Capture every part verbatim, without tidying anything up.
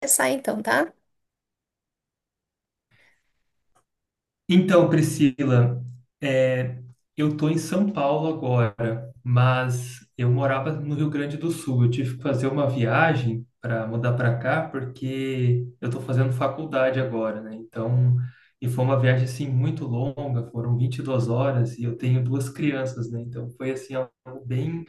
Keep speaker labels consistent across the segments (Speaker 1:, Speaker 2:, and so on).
Speaker 1: Começar então, tá?
Speaker 2: Então, Priscila, é, eu estou em São Paulo agora, mas eu morava no Rio Grande do Sul. Eu tive que fazer uma viagem para mudar para cá, porque eu estou fazendo faculdade agora, né? Então, e foi uma viagem assim muito longa, foram vinte e duas horas e eu tenho duas crianças, né? Então, foi assim algo bem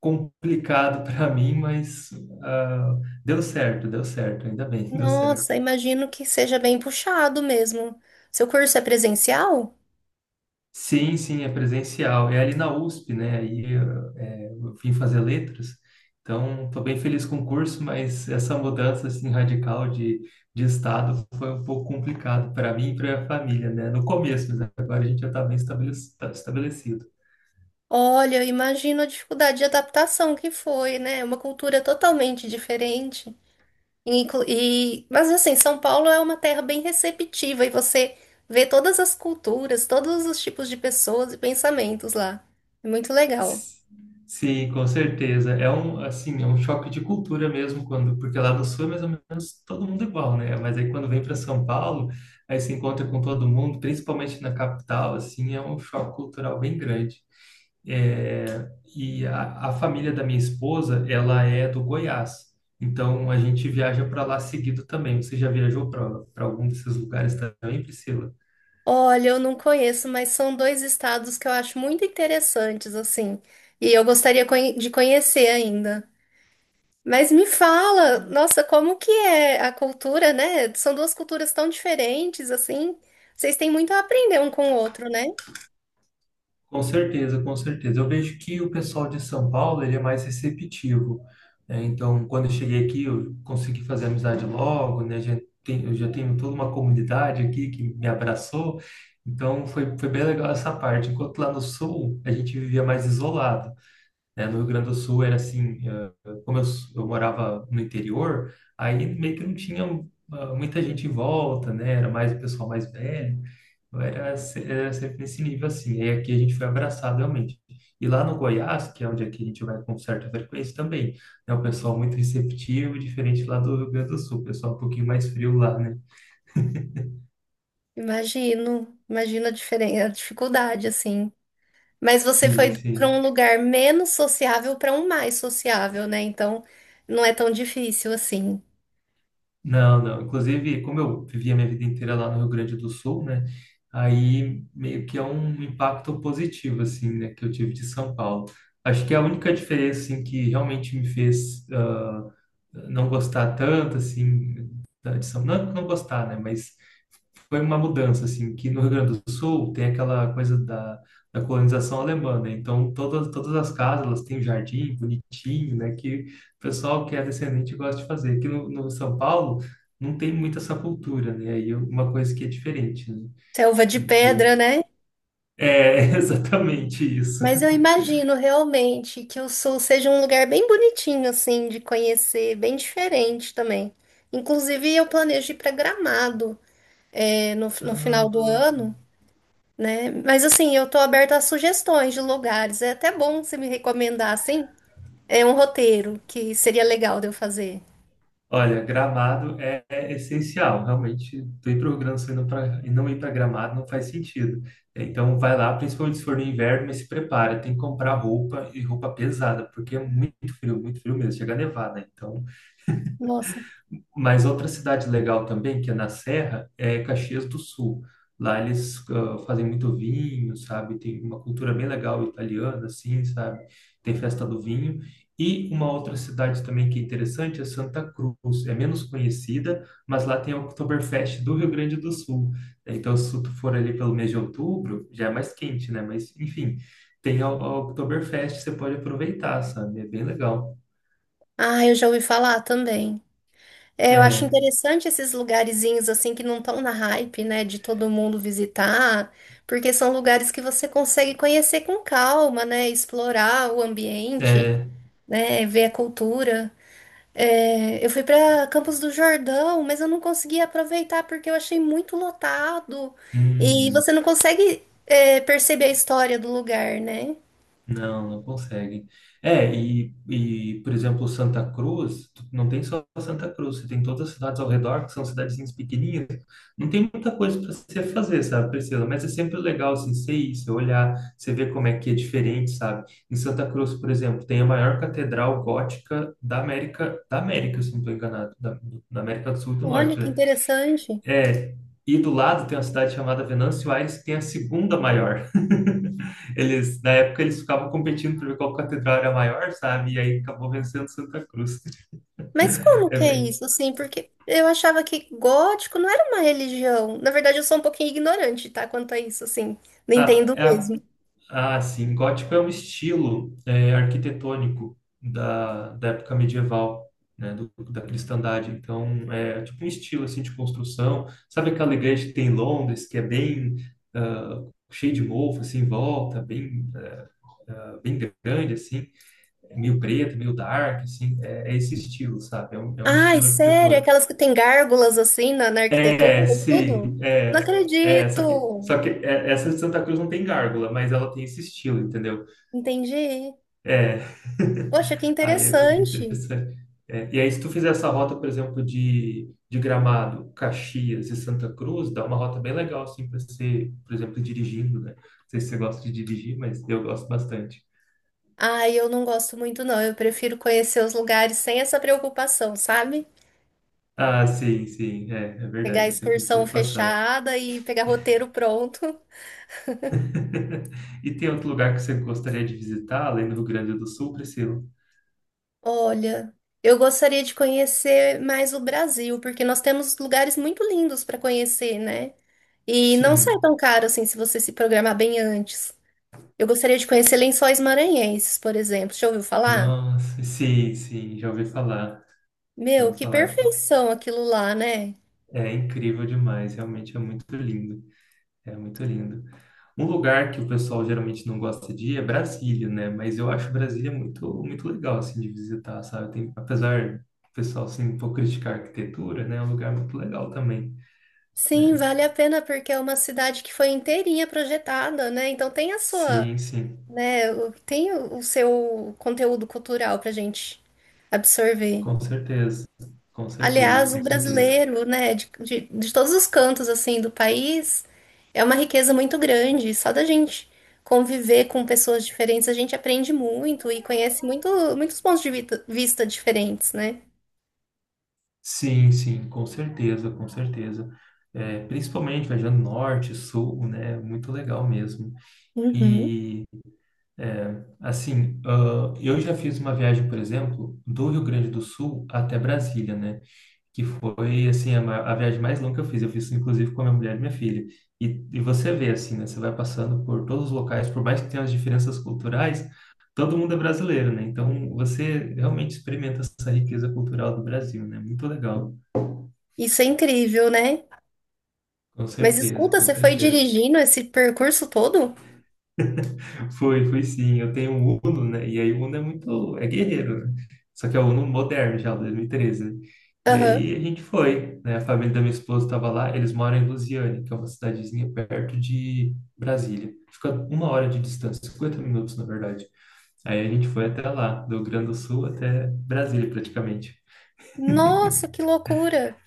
Speaker 2: complicado para mim, mas ah, deu certo, deu certo, ainda bem, deu certo.
Speaker 1: Nossa, imagino que seja bem puxado mesmo. Seu curso é presencial?
Speaker 2: Sim, sim, é presencial. É ali na U S P, né? Aí eh, eu vim fazer letras. Então, estou bem feliz com o curso, mas essa mudança assim radical de, de estado foi um pouco complicado para mim e para a família, né? No começo, mas agora a gente já está bem estabelec- tá estabelecido.
Speaker 1: Olha, eu imagino a dificuldade de adaptação que foi, né? Uma cultura totalmente diferente. E, inclu- e- mas assim, São Paulo é uma terra bem receptiva e você vê todas as culturas, todos os tipos de pessoas e pensamentos lá. É muito legal.
Speaker 2: Sim, com certeza. É um, assim, é um choque de cultura mesmo quando, porque lá no sul é mais ou menos todo mundo igual, né? Mas aí quando vem para São Paulo, aí se encontra com todo mundo, principalmente na capital, assim, é um choque cultural bem grande. É, e a, a família da minha esposa, ela é do Goiás. Então a gente viaja para lá seguido também. Você já viajou para para algum desses lugares também, Priscila?
Speaker 1: Olha, eu não conheço, mas são dois estados que eu acho muito interessantes, assim, e eu gostaria conhe- de conhecer ainda. Mas me fala, nossa, como que é a cultura, né? São duas culturas tão diferentes, assim. Vocês têm muito a aprender um com o outro, né?
Speaker 2: Com certeza, com certeza. Eu vejo que o pessoal de São Paulo, ele é mais receptivo, né? Então, quando eu cheguei aqui, eu consegui fazer amizade logo, né? Já tem- eu já tenho toda uma comunidade aqui que me abraçou, então foi, foi bem legal essa parte. Enquanto lá no Sul, a gente vivia mais isolado, né? No Rio Grande do Sul era assim, eh, como eu, eu morava no interior, aí meio que não tinha ah, muita gente em volta, né? Era mais o pessoal mais velho. Então, era, se- era sempre nesse nível assim. Aí aqui a gente foi abraçado realmente. E lá no Goiás, que é onde aqui a gente vai com certa frequência também, né? O pessoal muito receptivo, diferente lá do Rio Grande do Sul, o pessoal um pouquinho mais frio lá, né?
Speaker 1: Imagino, imagino a diferen- a dificuldade, assim. Mas você
Speaker 2: Sim,
Speaker 1: foi para um
Speaker 2: sim.
Speaker 1: lugar menos sociável para um mais sociável, né? Então, não é tão difícil assim.
Speaker 2: Não, não. Inclusive, como eu vivi a minha vida inteira lá no Rio Grande do Sul, né? Aí meio que é um impacto positivo, assim, né? Que eu tive de São Paulo. Acho que é a única diferença, assim, que realmente me fez ah, não gostar tanto, assim, da- de São... Não, não gostar, né? Mas foi uma mudança, assim, que no Rio Grande do Sul tem aquela coisa da, da colonização alemã, né? Então, todas, todas as casas, elas têm um jardim bonitinho, né? Que o pessoal que é descendente gosta de fazer. Aqui no, no São Paulo não tem muita essa cultura, né? Aí é uma coisa que é diferente, né?
Speaker 1: Selva de
Speaker 2: E que eu...
Speaker 1: pedra, né?
Speaker 2: É exatamente isso.
Speaker 1: Mas eu imagino realmente que o Sul seja um lugar bem bonitinho, assim, de conhecer, bem diferente também. Inclusive, eu planejo ir para Gramado. É, no, no final do
Speaker 2: Ah,
Speaker 1: ano, né? Mas assim, eu tô aberta a sugestões de lugares. É até bom você me recomendar, assim, é um roteiro que seria legal de eu fazer.
Speaker 2: Olha, Gramado é, é essencial, realmente. Tu ir para o Rio Grande do Sul e não pra- e não ir para Gramado não faz sentido. É, Então vai lá, principalmente se for no inverno, mas se prepara, tem que comprar roupa e roupa pesada, porque é muito frio, muito frio mesmo, chega a nevar, né? Então,
Speaker 1: Nossa.
Speaker 2: mas outra cidade legal também, que é na Serra, é Caxias do Sul. Lá eles ah, fazem muito vinho, sabe? Tem uma cultura bem legal italiana, assim, sabe? Tem festa do vinho. E uma outra cidade também que é interessante é Santa Cruz. É menos conhecida, mas lá tem o Oktoberfest do Rio Grande do Sul. Então, se tu for ali pelo mês de outubro, já é mais quente, né? Mas, enfim, tem a a Oktoberfest, você pode aproveitar, sabe? É bem legal.
Speaker 1: Ah, eu já ouvi falar também. É, eu acho
Speaker 2: É,
Speaker 1: interessante esses lugarzinhos assim que não estão na hype, né, de todo mundo visitar, porque são lugares que você consegue conhecer com calma, né, explorar o ambiente,
Speaker 2: é.
Speaker 1: né, ver a cultura. É, eu fui para Campos do Jordão, mas eu não consegui aproveitar porque eu achei muito lotado e
Speaker 2: Uhum.
Speaker 1: você não consegue, é, perceber a história do lugar, né?
Speaker 2: Não, não consegue. É, e, e, por exemplo, Santa Cruz, tu não tem só Santa Cruz, você tem todas as cidades ao redor, que são cidadezinhas pequenininhas. Não tem muita coisa para você fazer, sabe, Priscila? Mas é sempre legal, assim, você ir, você olhar, você ver como é que é diferente, sabe? Em Santa Cruz, por exemplo, tem a maior catedral gótica da América, da América, se não estou enganado, da, da América do Sul e do
Speaker 1: Olha
Speaker 2: Norte,
Speaker 1: que
Speaker 2: né?
Speaker 1: interessante.
Speaker 2: É, e do lado tem uma cidade chamada Venâncio Aires, que tem a segunda maior. Eles, na época, eles ficavam competindo para ver qual catedral era maior, sabe? E aí acabou vencendo Santa Cruz.
Speaker 1: Mas como
Speaker 2: É
Speaker 1: que é
Speaker 2: bem.
Speaker 1: isso, assim? Porque eu achava que gótico não era uma religião. Na verdade, eu sou um pouquinho ignorante, tá? Quanto a isso, assim. Não
Speaker 2: Ah,
Speaker 1: entendo
Speaker 2: é, a-
Speaker 1: mesmo.
Speaker 2: ah, sim, gótico é um estilo é, arquitetônico da, da época medieval, né? Do, da cristandade. Então, é tipo um estilo assim de construção. Sabe aquela igreja que tem em Londres, que é bem ah, cheio de mofo, assim, em volta, bem ah, bem grande, assim, meio preto, meio dark, assim, é, é esse estilo, sabe? É um, é um
Speaker 1: Ai,
Speaker 2: estilo
Speaker 1: sério?
Speaker 2: arquitetônico.
Speaker 1: Aquelas que tem gárgulas, assim, na, na arquitetura
Speaker 2: É,
Speaker 1: e
Speaker 2: sim,
Speaker 1: tudo?
Speaker 2: é,
Speaker 1: Não
Speaker 2: é, só que,
Speaker 1: acredito.
Speaker 2: só que é- essa de Santa Cruz não tem gárgula, mas ela tem esse estilo, entendeu?
Speaker 1: Entendi.
Speaker 2: É,
Speaker 1: Poxa, que
Speaker 2: aí é bem
Speaker 1: interessante.
Speaker 2: interessante. É, e aí, se tu fizer essa rota, por exemplo, de, de Gramado, Caxias e Santa Cruz, dá uma rota bem legal, assim, para você, por exemplo, dirigindo, né? Não sei se você gosta de dirigir, mas eu gosto bastante.
Speaker 1: Ah, eu não gosto muito, não. Eu prefiro conhecer os lugares sem essa preocupação, sabe?
Speaker 2: Ah, sim, sim, é, é
Speaker 1: Pegar a
Speaker 2: verdade, é sempre uma
Speaker 1: excursão
Speaker 2: preocupação.
Speaker 1: fechada e pegar roteiro pronto.
Speaker 2: E tem outro lugar que você gostaria de visitar, além do Rio Grande do Sul, Priscila?
Speaker 1: Olha, eu gostaria de conhecer mais o Brasil, porque nós temos lugares muito lindos para conhecer, né? E não sai tão
Speaker 2: Sim,
Speaker 1: caro assim se você se programar bem antes. Eu gostaria de conhecer Lençóis Maranhenses, por exemplo. Já ouviu falar?
Speaker 2: nossa, sim, sim, já ouvi falar, já
Speaker 1: Meu,
Speaker 2: ouvi
Speaker 1: que
Speaker 2: falar. É
Speaker 1: perfeição aquilo lá, né?
Speaker 2: é incrível demais, realmente é muito lindo, é muito lindo. Um lugar que o pessoal geralmente não gosta de ir é Brasília, né? Mas eu acho Brasília muito, muito legal, assim, de visitar, sabe? Tem, apesar do pessoal, assim, um pouco criticar a arquitetura, né? É um lugar muito legal também,
Speaker 1: Sim,
Speaker 2: né?
Speaker 1: vale a pena porque é uma cidade que foi inteirinha projetada, né? Então tem a sua
Speaker 2: Sim, sim.
Speaker 1: né? Tem o seu conteúdo cultural pra gente absorver.
Speaker 2: Com certeza, com certeza,
Speaker 1: Aliás, o
Speaker 2: com certeza.
Speaker 1: brasileiro, né, de, de, de todos os cantos, assim, do país, é uma riqueza muito grande. Só da gente conviver com pessoas diferentes, a gente aprende muito e conhece muito, muitos pontos de vita- vista diferentes, né?
Speaker 2: Sim, sim, com certeza, com certeza. É, principalmente viajando norte, sul, né? Muito legal mesmo.
Speaker 1: Uhum.
Speaker 2: E, é, assim, ah, eu já fiz uma viagem, por exemplo, do Rio Grande do Sul até Brasília, né? Que foi assim a, ma- a viagem mais longa que eu fiz. Eu fiz inclusive com a minha mulher e minha filha. E, e você vê assim, né? Você vai passando por todos os locais, por mais que tenha as diferenças culturais, todo mundo é brasileiro, né? Então você realmente experimenta essa riqueza cultural do Brasil, né? Muito legal.
Speaker 1: Isso é incrível, né?
Speaker 2: Com
Speaker 1: Mas
Speaker 2: certeza,
Speaker 1: escuta,
Speaker 2: com
Speaker 1: você foi
Speaker 2: certeza.
Speaker 1: dirigindo esse percurso todo?
Speaker 2: Foi, foi sim. Eu tenho um Uno, né? E aí o Uno é muito, é guerreiro, né? Só que é o Uno moderno já, dois mil e treze, né? E
Speaker 1: Aham.
Speaker 2: aí a gente foi, né? A família da minha esposa estava lá, eles moram em Lusiane, que é uma cidadezinha perto de Brasília. Fica uma hora de distância, cinquenta minutos, na verdade. Aí a gente foi até lá, do Rio Grande do Sul até Brasília, praticamente.
Speaker 1: Nossa, que loucura!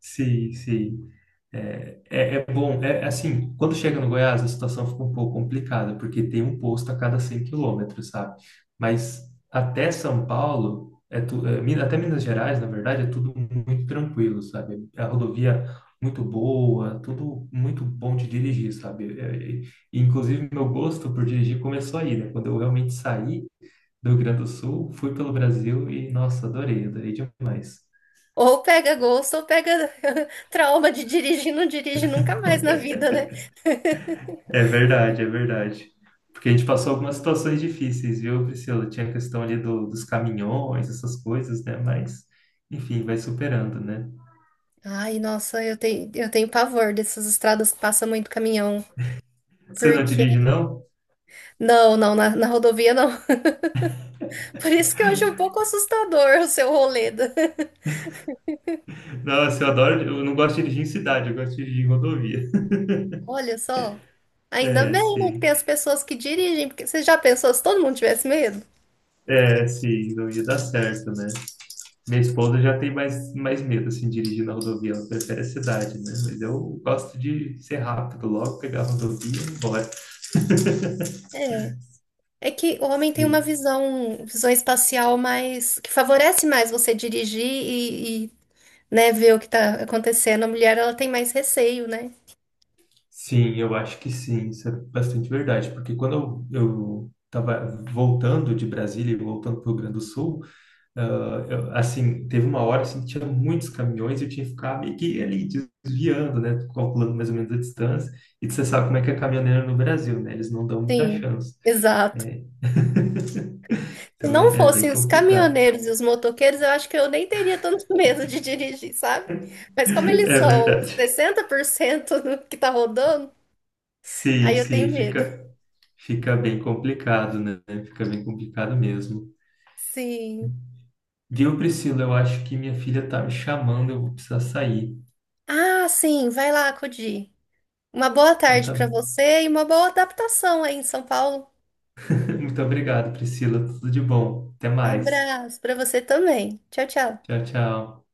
Speaker 2: Sim, sim. É, é é bom, é é assim, quando chega no Goiás a situação fica um pouco complicada, porque tem um posto a cada cem quilômetros, sabe? Mas até São Paulo, é tu, é, Minas- até Minas Gerais, na verdade, é tudo muito tranquilo, sabe? A rodovia muito boa, tudo muito bom de dirigir, sabe? É, é, inclusive, meu gosto por dirigir começou aí, né? Quando eu realmente saí do Rio Grande do Sul, fui pelo Brasil e, nossa, adorei, adorei demais.
Speaker 1: Ou pega gosto, ou pega trauma de dirigir, não dirige nunca mais na vida, né?
Speaker 2: É verdade, é verdade. Porque a gente passou algumas situações difíceis, viu, Priscila? Tinha a questão ali do, dos caminhões, essas coisas, né? Mas, enfim, vai superando, né?
Speaker 1: Ai, nossa, eu tenho, eu tenho pavor dessas estradas que passa muito caminhão.
Speaker 2: Você não
Speaker 1: Porque.
Speaker 2: dirige, não?
Speaker 1: Não, não, na, na rodovia não. Por isso que eu acho um pouco assustador o seu rolê. Da-
Speaker 2: Nossa, eu adoro. Eu não gosto de dirigir em cidade, eu gosto de dirigir em rodovia.
Speaker 1: Olha só. Ainda
Speaker 2: É,
Speaker 1: bem, né, que tem
Speaker 2: sim.
Speaker 1: as pessoas que dirigem, porque você já pensou se todo mundo tivesse medo?
Speaker 2: É, sim, não ia dar certo, né? Minha esposa já tem mais, mais medo, assim, de dirigir na rodovia. Ela prefere a cidade, né? Mas eu gosto de ser rápido logo, pegar a rodovia e ir embora.
Speaker 1: É. É que o homem tem uma
Speaker 2: Sim.
Speaker 1: visão, visão espacial mais, que favorece mais você dirigir e, e né, ver o que tá acontecendo, a mulher ela tem mais receio, né?
Speaker 2: Sim, eu acho que sim, isso é bastante verdade, porque quando eu, eu estava voltando de Brasília e voltando para o Rio Grande do Sul, ah, eu- assim, teve uma hora assim, que tinha muitos caminhões e eu tinha que ficar meio que ali desviando, né, calculando mais ou menos a distância, e você sabe como é que é caminhoneiro no Brasil, né, eles não dão muita
Speaker 1: Sim,
Speaker 2: chance.
Speaker 1: exato.
Speaker 2: É,
Speaker 1: Se
Speaker 2: então
Speaker 1: não
Speaker 2: é, é bem
Speaker 1: fossem os
Speaker 2: complicado.
Speaker 1: caminhoneiros e os motoqueiros, eu acho que eu nem teria tanto medo de dirigir, sabe? Mas como eles
Speaker 2: É
Speaker 1: são
Speaker 2: verdade.
Speaker 1: sessenta por cento do que tá rodando,
Speaker 2: Sim,
Speaker 1: aí eu tenho
Speaker 2: sim,
Speaker 1: medo.
Speaker 2: fica, fica bem complicado, né, fica bem complicado mesmo.
Speaker 1: Sim.
Speaker 2: Viu, Priscila? Eu acho que minha filha tá me chamando, eu vou precisar sair.
Speaker 1: Ah, sim, vai lá, Cudi. Uma boa
Speaker 2: Então,
Speaker 1: tarde
Speaker 2: tá
Speaker 1: para
Speaker 2: bom.
Speaker 1: você e uma boa adaptação aí em São Paulo.
Speaker 2: Muito obrigado, Priscila. Tudo de bom. Até mais.
Speaker 1: Abraço para você também. Tchau, tchau.
Speaker 2: Tchau, tchau.